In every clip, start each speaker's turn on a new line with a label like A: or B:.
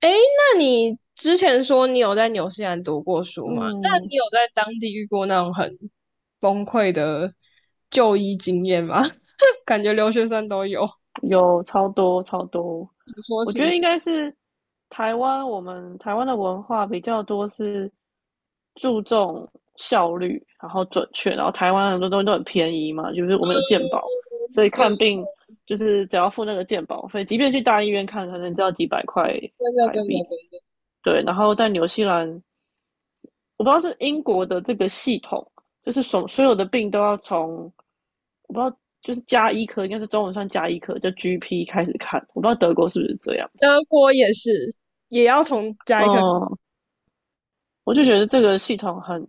A: 诶，那你之前说你有在纽西兰读过书吗？那
B: 嗯，
A: 你有在当地遇过那种很崩溃的就医经验吗？感觉留学生都有。
B: 有超多超多，
A: 你说，
B: 我
A: 请
B: 觉得
A: 说，
B: 应该是台湾，我们台湾的文化比较多是注重效率，然后准确，然后台湾很多东西都很便宜嘛，就是我们有健保，所以
A: 就
B: 看
A: 一下
B: 病就是只要付那个健保费，即便去大医院看，可能只要几百块
A: 真的
B: 台
A: 真的
B: 币。
A: 真的。
B: 对，然后在纽西兰，我不知道是英国的这个系统，就是所有的病都要从，我不知道，就是加医科，应该是中文算加医科，叫 GP 开始看。我不知道德国是不是这样。
A: 德国也是，也要从加一颗
B: 嗯，我就觉得这个系统很，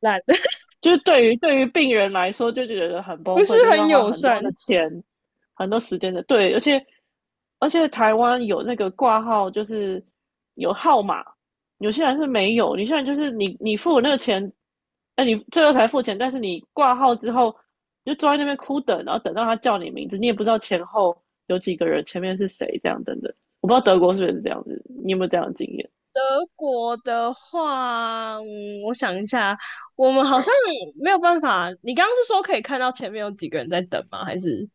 A: 烂。
B: 就是对于病人来说，就觉得很崩
A: 不是
B: 溃，就是要
A: 很
B: 花
A: 友
B: 很多
A: 善。
B: 的钱、很多时间的。对，而且台湾有那个挂号，就是有号码，有些人是没有。有现在就是你付了那个钱，哎，你最后才付钱，但是你挂号之后，你就坐在那边哭等，然后等到他叫你名字，你也不知道前后有几个人，前面是谁，这样等等。我不知道德国是不是这样子，你有没有这样的经验？
A: 德国的话，我想一下，我们好像没有办法。你刚刚是说可以看到前面有几个人在等吗？还是？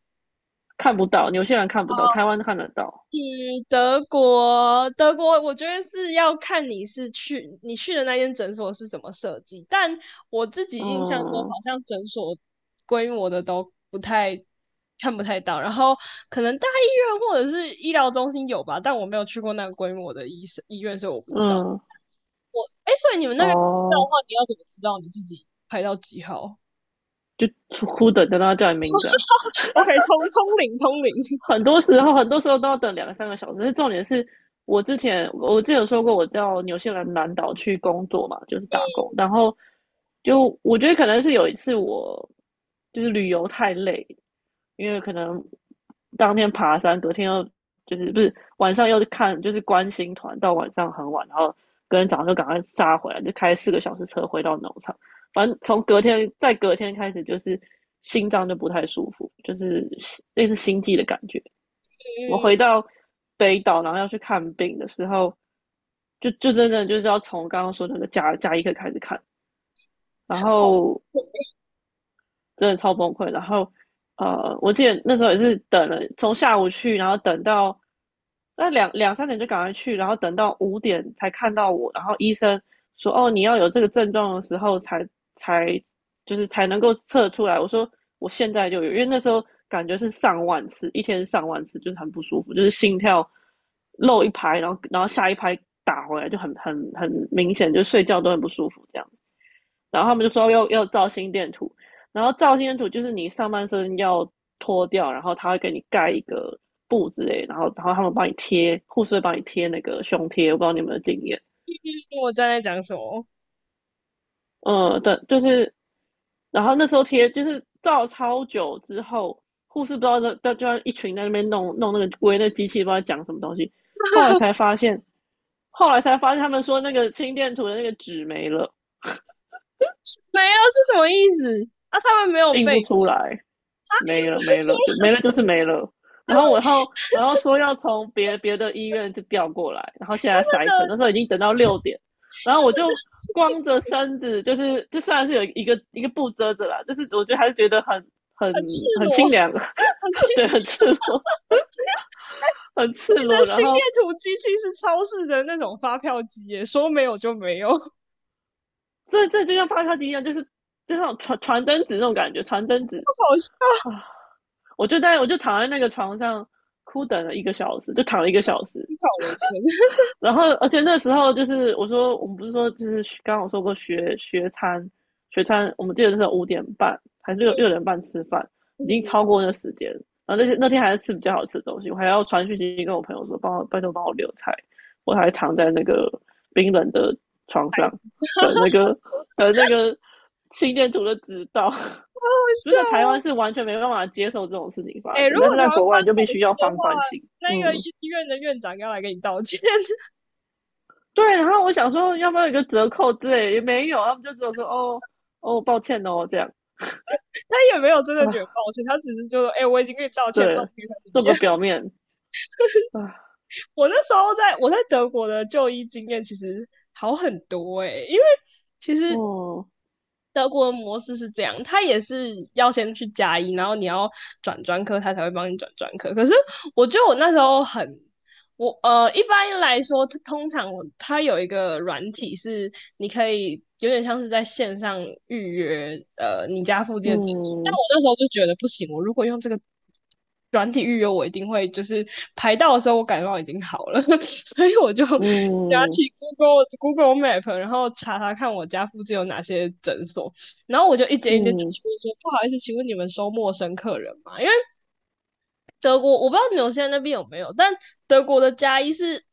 B: 看不到，有些人看不到，台湾看得到。
A: 嗯。德国，我觉得是要看你去的那间诊所是怎么设计。但我自己印象中，好
B: 嗯
A: 像诊所规模的都不太看不太到，然后可能大医院或者是医疗中心有吧，但我没有去过那个规模的医院，所以我不知道。
B: 嗯。
A: 哎，所以你们那边的
B: 哦，
A: 话，你要怎么知道你自己排到几号
B: 就出哭等等到他叫你名字啊。
A: ？OK，通通灵通灵。
B: 很多时候，很多时候都要等两个三个小时。重点是我之前有说过，我到纽西兰南岛去工作嘛，就是打工。然后就我觉得可能是有一次我就是旅游太累，因为可能当天爬山，隔天又，就是不是晚上又是看，就是观星团，到晚上很晚，然后隔天早上就赶快扎回来，就开4个小时车回到农场。反正从隔天再隔天开始，就是心脏就不太舒服，就是类似心悸的感觉。我回
A: 嗯。
B: 到北岛，然后要去看病的时候，就真的就是要从刚刚说那个甲医科开始看，然
A: 好。
B: 后 真的超崩溃。然后，我记得那时候也是等了，从下午去，然后等到那两三点就赶快去，然后等到五点才看到我。然后医生说："哦，你要有这个症状的时候才，才就是才能够测出来。"我说："我现在就有，因为那时候感觉是上万次，一天上万次，就是很不舒服，就是心跳漏一拍，然后下一拍打回来就很明显，就睡觉都很不舒服这样。"然后他们就说要照心电图，然后照心电图就是你上半身要脱掉，然后他会给你盖一个布之类，然后他们帮你贴，护士会帮你贴那个胸贴，我不知道你有没有经验，
A: 我正在讲什么？
B: 嗯，对，就是，然后那时候贴就是照超久之后，护士不知道就在一群在那边弄那个围那机器，不知道讲什么东西，后来 才发现，后来才发现他们说那个心电图的那个纸没了，
A: 没有是什么意思？啊，他们没有
B: 印
A: 被
B: 不出
A: 啊，
B: 来。
A: 因
B: 没了
A: 为
B: 没
A: 除
B: 了，就没
A: 了
B: 了就是没了。然后我然后说要从别的医院就调过来，然后现在塞车，
A: 的。
B: 那时候已经等到六点，然后我就光着身子，就是就算是有一个布遮着啦，但是我觉得还是觉得很，很
A: 很赤
B: 很
A: 裸，
B: 清凉，
A: 很奇怪
B: 对，很赤裸，很赤
A: 的
B: 裸。然
A: 心
B: 后
A: 电图机器是超市的那种发票机耶，说没有就没有。
B: 这就像发烧机一样，就是就像传真纸那种感觉，传真纸
A: 好笑。
B: 啊，我就在我就躺在那个床上哭等了一个小时，就躺了一个小时。
A: 思考人生。
B: 然后，而且那时候就是我说，我们不是说就是刚刚我说过学餐，学餐我们记得那时候5点半还是六点半吃饭，已经
A: 嗯，
B: 超过那时间。然后那些那天还是吃比较好吃的东西，我还要传讯息跟我朋友说，帮我拜托帮我留菜，我还躺在那个冰冷的床上等那个等那个心电图的指导。
A: 好好
B: 就
A: 笑
B: 在台湾
A: 哦。
B: 是完全没办法接受这种事情
A: 哎、
B: 发
A: 欸
B: 生，
A: 如
B: 但
A: 果
B: 是在
A: 台湾
B: 国
A: 发
B: 外你
A: 生
B: 就必
A: 这种
B: 须
A: 事
B: 要
A: 的话，
B: 放宽心，
A: 那个
B: 嗯。
A: 医院的院长要来给你道歉。
B: 对，然后我想说要不要有一个折扣之类，也没有，他们就只有说哦哦，抱歉哦这样。
A: 他也没有真的觉得
B: 啊，
A: 抱歉，他只是就说，哎、欸我已经跟你道歉，抱
B: 对，
A: 歉，他怎么
B: 做个
A: 样？
B: 表面啊，
A: 我那时候在德国的就医经验其实好很多。哎、欸因为其实
B: 哦，
A: 德国的模式是这样，他也是要先去加一，然后你要转专科，他才会帮你转专科。可是我觉得我那时候很，一般来说，通常他有一个软体是你可以有点像是在线上预约，你家附近的诊所。但
B: 嗯
A: 我那时候就觉得不行，我如果用这个软体预约，我一定会就是排到的时候，我感冒已经好了。所以我就拿
B: 嗯
A: 起 Google Map，然后查查看我家附近有哪些诊所，然后我就一间一间打
B: 嗯，
A: 去问说，不好意思，请问你们收陌生客人吗？因为德国我不知道纽西兰那边有没有，但德国的加医是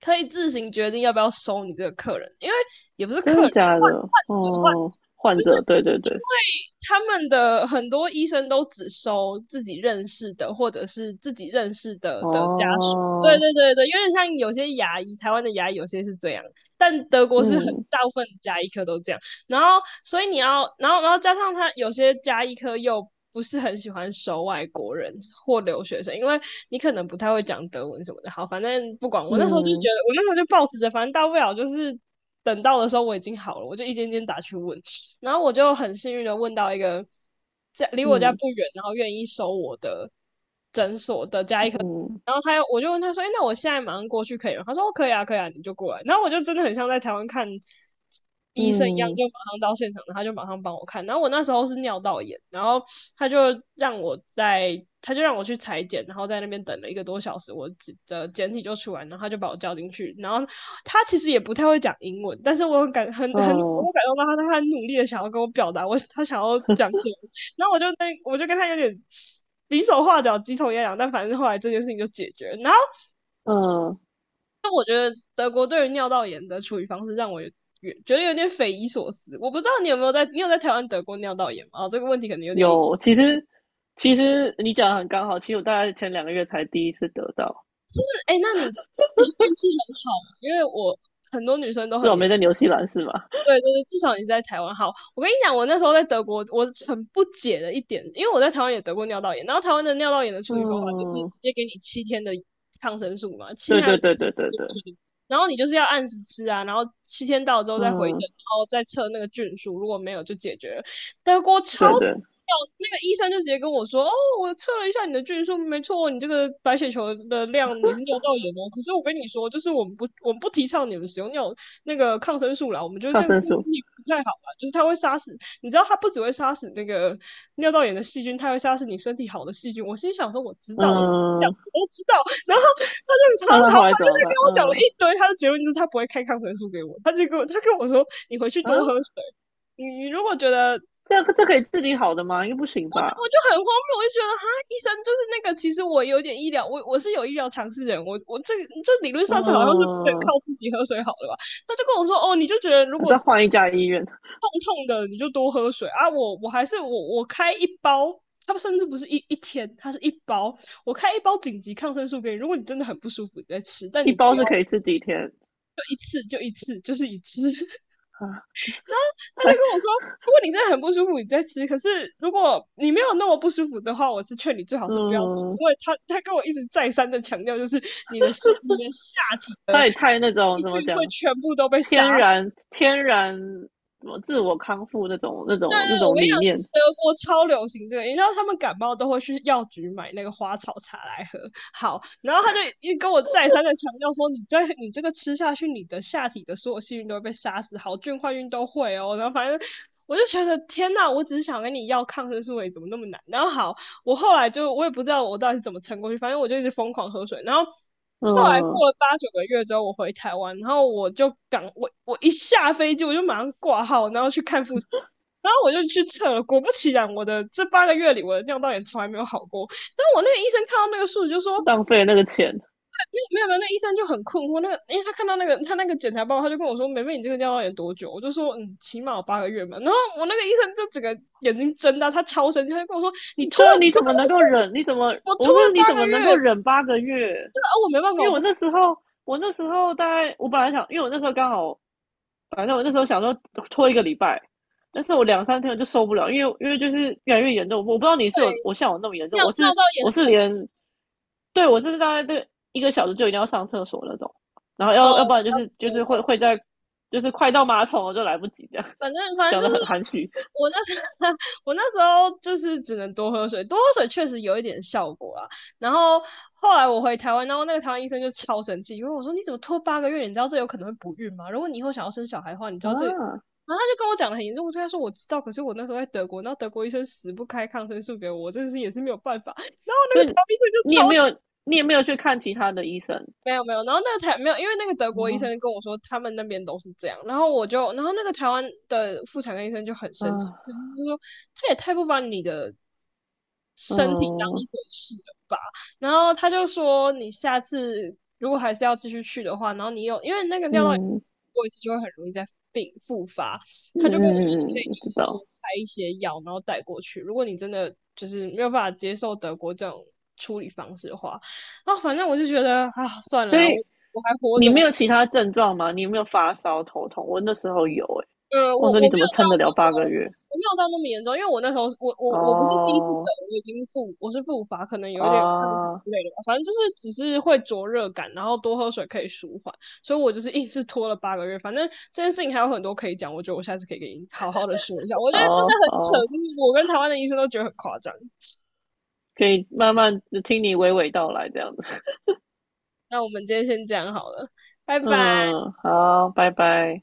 A: 可以自行决定要不要收你这个客人，因为也不是客
B: 真的
A: 人，
B: 假的？
A: 患
B: 哦，
A: 者就
B: 患
A: 是
B: 者，对对对，
A: 他们的很多医生都只收自己认识的，或者是自己认识的家属。对
B: 哦，
A: 对对对，有点像有些牙医，台湾的牙医有些是这样，但德国是很
B: 嗯
A: 大部分牙医科都这样。然后，所以你要，然后加上他有些牙医科又不是很喜欢收外国人或留学生，因为你可能不太会讲德文什么的。好，反正不管，
B: 嗯
A: 我那时候就抱持着，反正大不了就是等到的时候我已经好了，我就一间间打去问。然后我就很幸运的问到一个在离我家
B: 嗯
A: 不远，然后愿意收我的。
B: 嗯
A: 然后他又，我就问他说："哎、那我现在马上过去可以吗？"他说："哦，可以啊，可以啊，你就过来。"然后我就真的很像在台湾看医生一样，
B: 嗯
A: 就马上到现场，然他就马上帮我看。然后我那时候是尿道炎，然后他就让我在，他就让我去裁剪，然后在那边等了一个多小时，我的检体就出来，然后他就把我叫进去。然后他其实也不太会讲英文，但是我很感很很，
B: 嗯
A: 我感动到他，他很努力的想要跟我表达我他想要讲什么。然后我就跟他有点比手画脚、鸡同鸭讲，但反正后来这件事情就解决了。然后
B: 嗯，
A: 德国对于尿道炎的处理方式让我有觉得有点匪夷所思。我不知道你有没有在，你有在台湾得过尿道炎吗？哦，这个问题可能有点硬。
B: 有，其实你讲的很刚好，其实我大概前2个月才第一次得到，
A: 哎，那你运气很好，因为我很多女生都
B: 至
A: 很
B: 少
A: 年。
B: 没在纽西兰是吧？
A: 对对对，至少你在台湾好。我跟你讲，我那时候在德国，我很不解的一点，因为我在台湾也得过尿道炎，然后台湾的尿道炎的处理方法就是
B: 嗯，
A: 直接给你七天的抗生素嘛，七天
B: 对
A: 还有
B: 对
A: 五
B: 对对对对，
A: 天然后你就是要按时吃啊，然后七天到了之后再回诊，
B: 嗯，
A: 然后再测那个菌数，如果没有就解决了。德国超
B: 对
A: 级。
B: 对，
A: 那个医生就直接跟我说："哦，我测了一下你的菌数，没错，你这个白血球的量你是尿道炎哦。可是我跟你说，就是我们不提倡你们使用尿那个抗生素啦，我们觉得
B: 抗
A: 这个
B: 生
A: 对身
B: 素，
A: 体不太好啦，就是它会杀死，你知道它不只会杀死那个尿道炎的细菌，它会杀死你身体好的细菌。"我心想说，我知道，
B: 嗯，
A: 我都知道。然后他就他
B: 那他
A: 他
B: 后来
A: 反
B: 怎
A: 正
B: 么
A: 就跟
B: 办？
A: 我讲了
B: 嗯
A: 一堆，他的结论就是他不会开抗生素给我，他跟我说，你回去
B: 啊，
A: 多喝水。你你如果觉得，
B: 这样这可以治理好的吗？应该不行
A: 我
B: 吧？
A: 就很荒谬，我就觉得哈，医生就是那个，其实我有点医疗，我是有医疗常识的人，我这个就理论上这好像是不能
B: 嗯，
A: 靠自己喝水好了吧？他就跟我说，哦，你就觉得如
B: 还
A: 果
B: 再换一家医院，
A: 痛痛的你就多喝水啊。我还是我开一包，它甚至不是一天，它是一包，我开一包紧急抗生素给你。如果你真的很不舒服，你再吃，但
B: 一
A: 你不
B: 包
A: 要
B: 是可以吃几天
A: 就一次就一次，就是一次。他就
B: 啊？太，
A: 跟我说。如果你真的很不舒服，你再吃。可是如果你没有那么不舒服的话，我是劝你最好是不要吃，
B: 嗯，
A: 因为他跟我一直再三的强调，就是你的你的下体
B: 他也太那种
A: 细
B: 怎么
A: 菌会
B: 讲，
A: 全部都被
B: 天
A: 杀死，
B: 然天然什么自我康复那种那种那
A: 我
B: 种
A: 跟你
B: 理
A: 讲，
B: 念，
A: 德国超流行这个，你知道他们感冒都会去药局买那个花草茶来喝。好，然后他就一跟我再三的强调说，你这个吃下去，你的下体的所有细菌都会被杀死，好菌坏菌都会哦。然后反正我就觉得天呐，我只是想跟你要抗生素而已，怎么那么难？然后好，我后来就我也不知道我到底是怎么撑过去，反正我就一直疯狂喝水。然后后来
B: 嗯，
A: 过了八九个月之后，我回台湾，然后我就赶我一下飞机，我就马上挂号，然后去看复。然后我就去测了，果不其然，我的这八个月里我的尿道炎从来没有好过。然后我那个医生看到那个数据就说，
B: 浪费那个钱，
A: 没有没有，那医生就很困惑，那个因为他看到那个他那个检查报告，他就跟我说，梅梅你这个尿道炎多久？我就说嗯，起码有八个月嘛。然后我那个医生就整个眼睛睁大，他超生气，他就跟我说，你拖
B: 对啊，
A: 了。
B: 你怎么能够忍？你怎么
A: 我拖
B: 我
A: 了
B: 是你
A: 八
B: 怎
A: 个
B: 么能够
A: 月，
B: 忍八个月？
A: 对啊，哦我没办法，
B: 因为
A: 我
B: 我
A: 不
B: 那时候大概我本来想，因为我那时候刚好，反正我那时候想说拖1个礼拜，但是我两三天我就受不了，因为因为就是越来越严重。我不知道你是有我像我那么严重，
A: 尿
B: 我
A: 尿
B: 是
A: 道炎
B: 我
A: 很
B: 是
A: 痛，
B: 连对我是大概对一个小时就一定要上厕所那种，然后
A: 哦，
B: 要不然就
A: 差不
B: 是
A: 多差
B: 会
A: 不
B: 会
A: 多。
B: 在就是快到马桶我就来不及这样，
A: 反正
B: 讲
A: 就
B: 的
A: 是
B: 很含蓄
A: 我那时候 我那时候就是只能多喝水，多喝水确实有一点效果啦。然后后来我回台湾，然后那个台湾医生就超生气，因为我说你怎么拖八个月？你知道这有可能会不孕吗？如果你以后想要生小孩的话，你知道这个影响。
B: 啊。
A: 然后他就跟我讲的很严重，我对他说我知道，可是我那时候在德国，那德国医生死不开抗生素给我，我真的是也是没有办法。台
B: 所以
A: 湾医生就
B: 你也没
A: 超
B: 有，你也没有去看其他的医生
A: 没有没有，然后那个台没有，因为那个德国医
B: 啊？
A: 生跟我说他们那边都是这样，然后我就，然后那个台湾的妇产科医生就很生气，
B: 啊，
A: 就是说他也太不把你的身体当
B: 嗯
A: 一回事了吧，然后他就说你下次如果还是要继续去的话，然后你有因为那个尿道炎
B: 嗯
A: 过一次就会很容易再病复发，
B: 嗯
A: 他就跟我说你可
B: 嗯
A: 以
B: 嗯
A: 就
B: 知
A: 是
B: 道。
A: 多开一些药，然后带过去，如果你真的就是没有办法接受德国这种处理方式的话。啊，反正我就觉得啊，算了
B: 所
A: 啦，我
B: 以
A: 我还活
B: 你
A: 着，
B: 没有其他症状吗？你有没有发烧、头痛？我那时候有哎、欸，
A: 我
B: 我说你
A: 我没
B: 怎么
A: 有到
B: 撑得了
A: 那么，
B: 八个月？
A: 我没有到那么严重，因为我那时候我不是第一次得，
B: 哦
A: 我是复发，可能有一点抗体
B: 啊
A: 之类的吧，反正就是只是会灼热感，然后多喝水可以舒缓，所以我就是硬是拖了八个月。反正这件事情还有很多可以讲，我觉得我下次可以给你好好的说一下。我觉得真的
B: 哦
A: 很
B: 哦，
A: 扯，就是我跟台湾的医生都觉得很夸张。
B: 可以慢慢听你娓娓道来这样子。
A: 那我们今天先这样好了，拜拜。
B: 嗯，好，拜拜。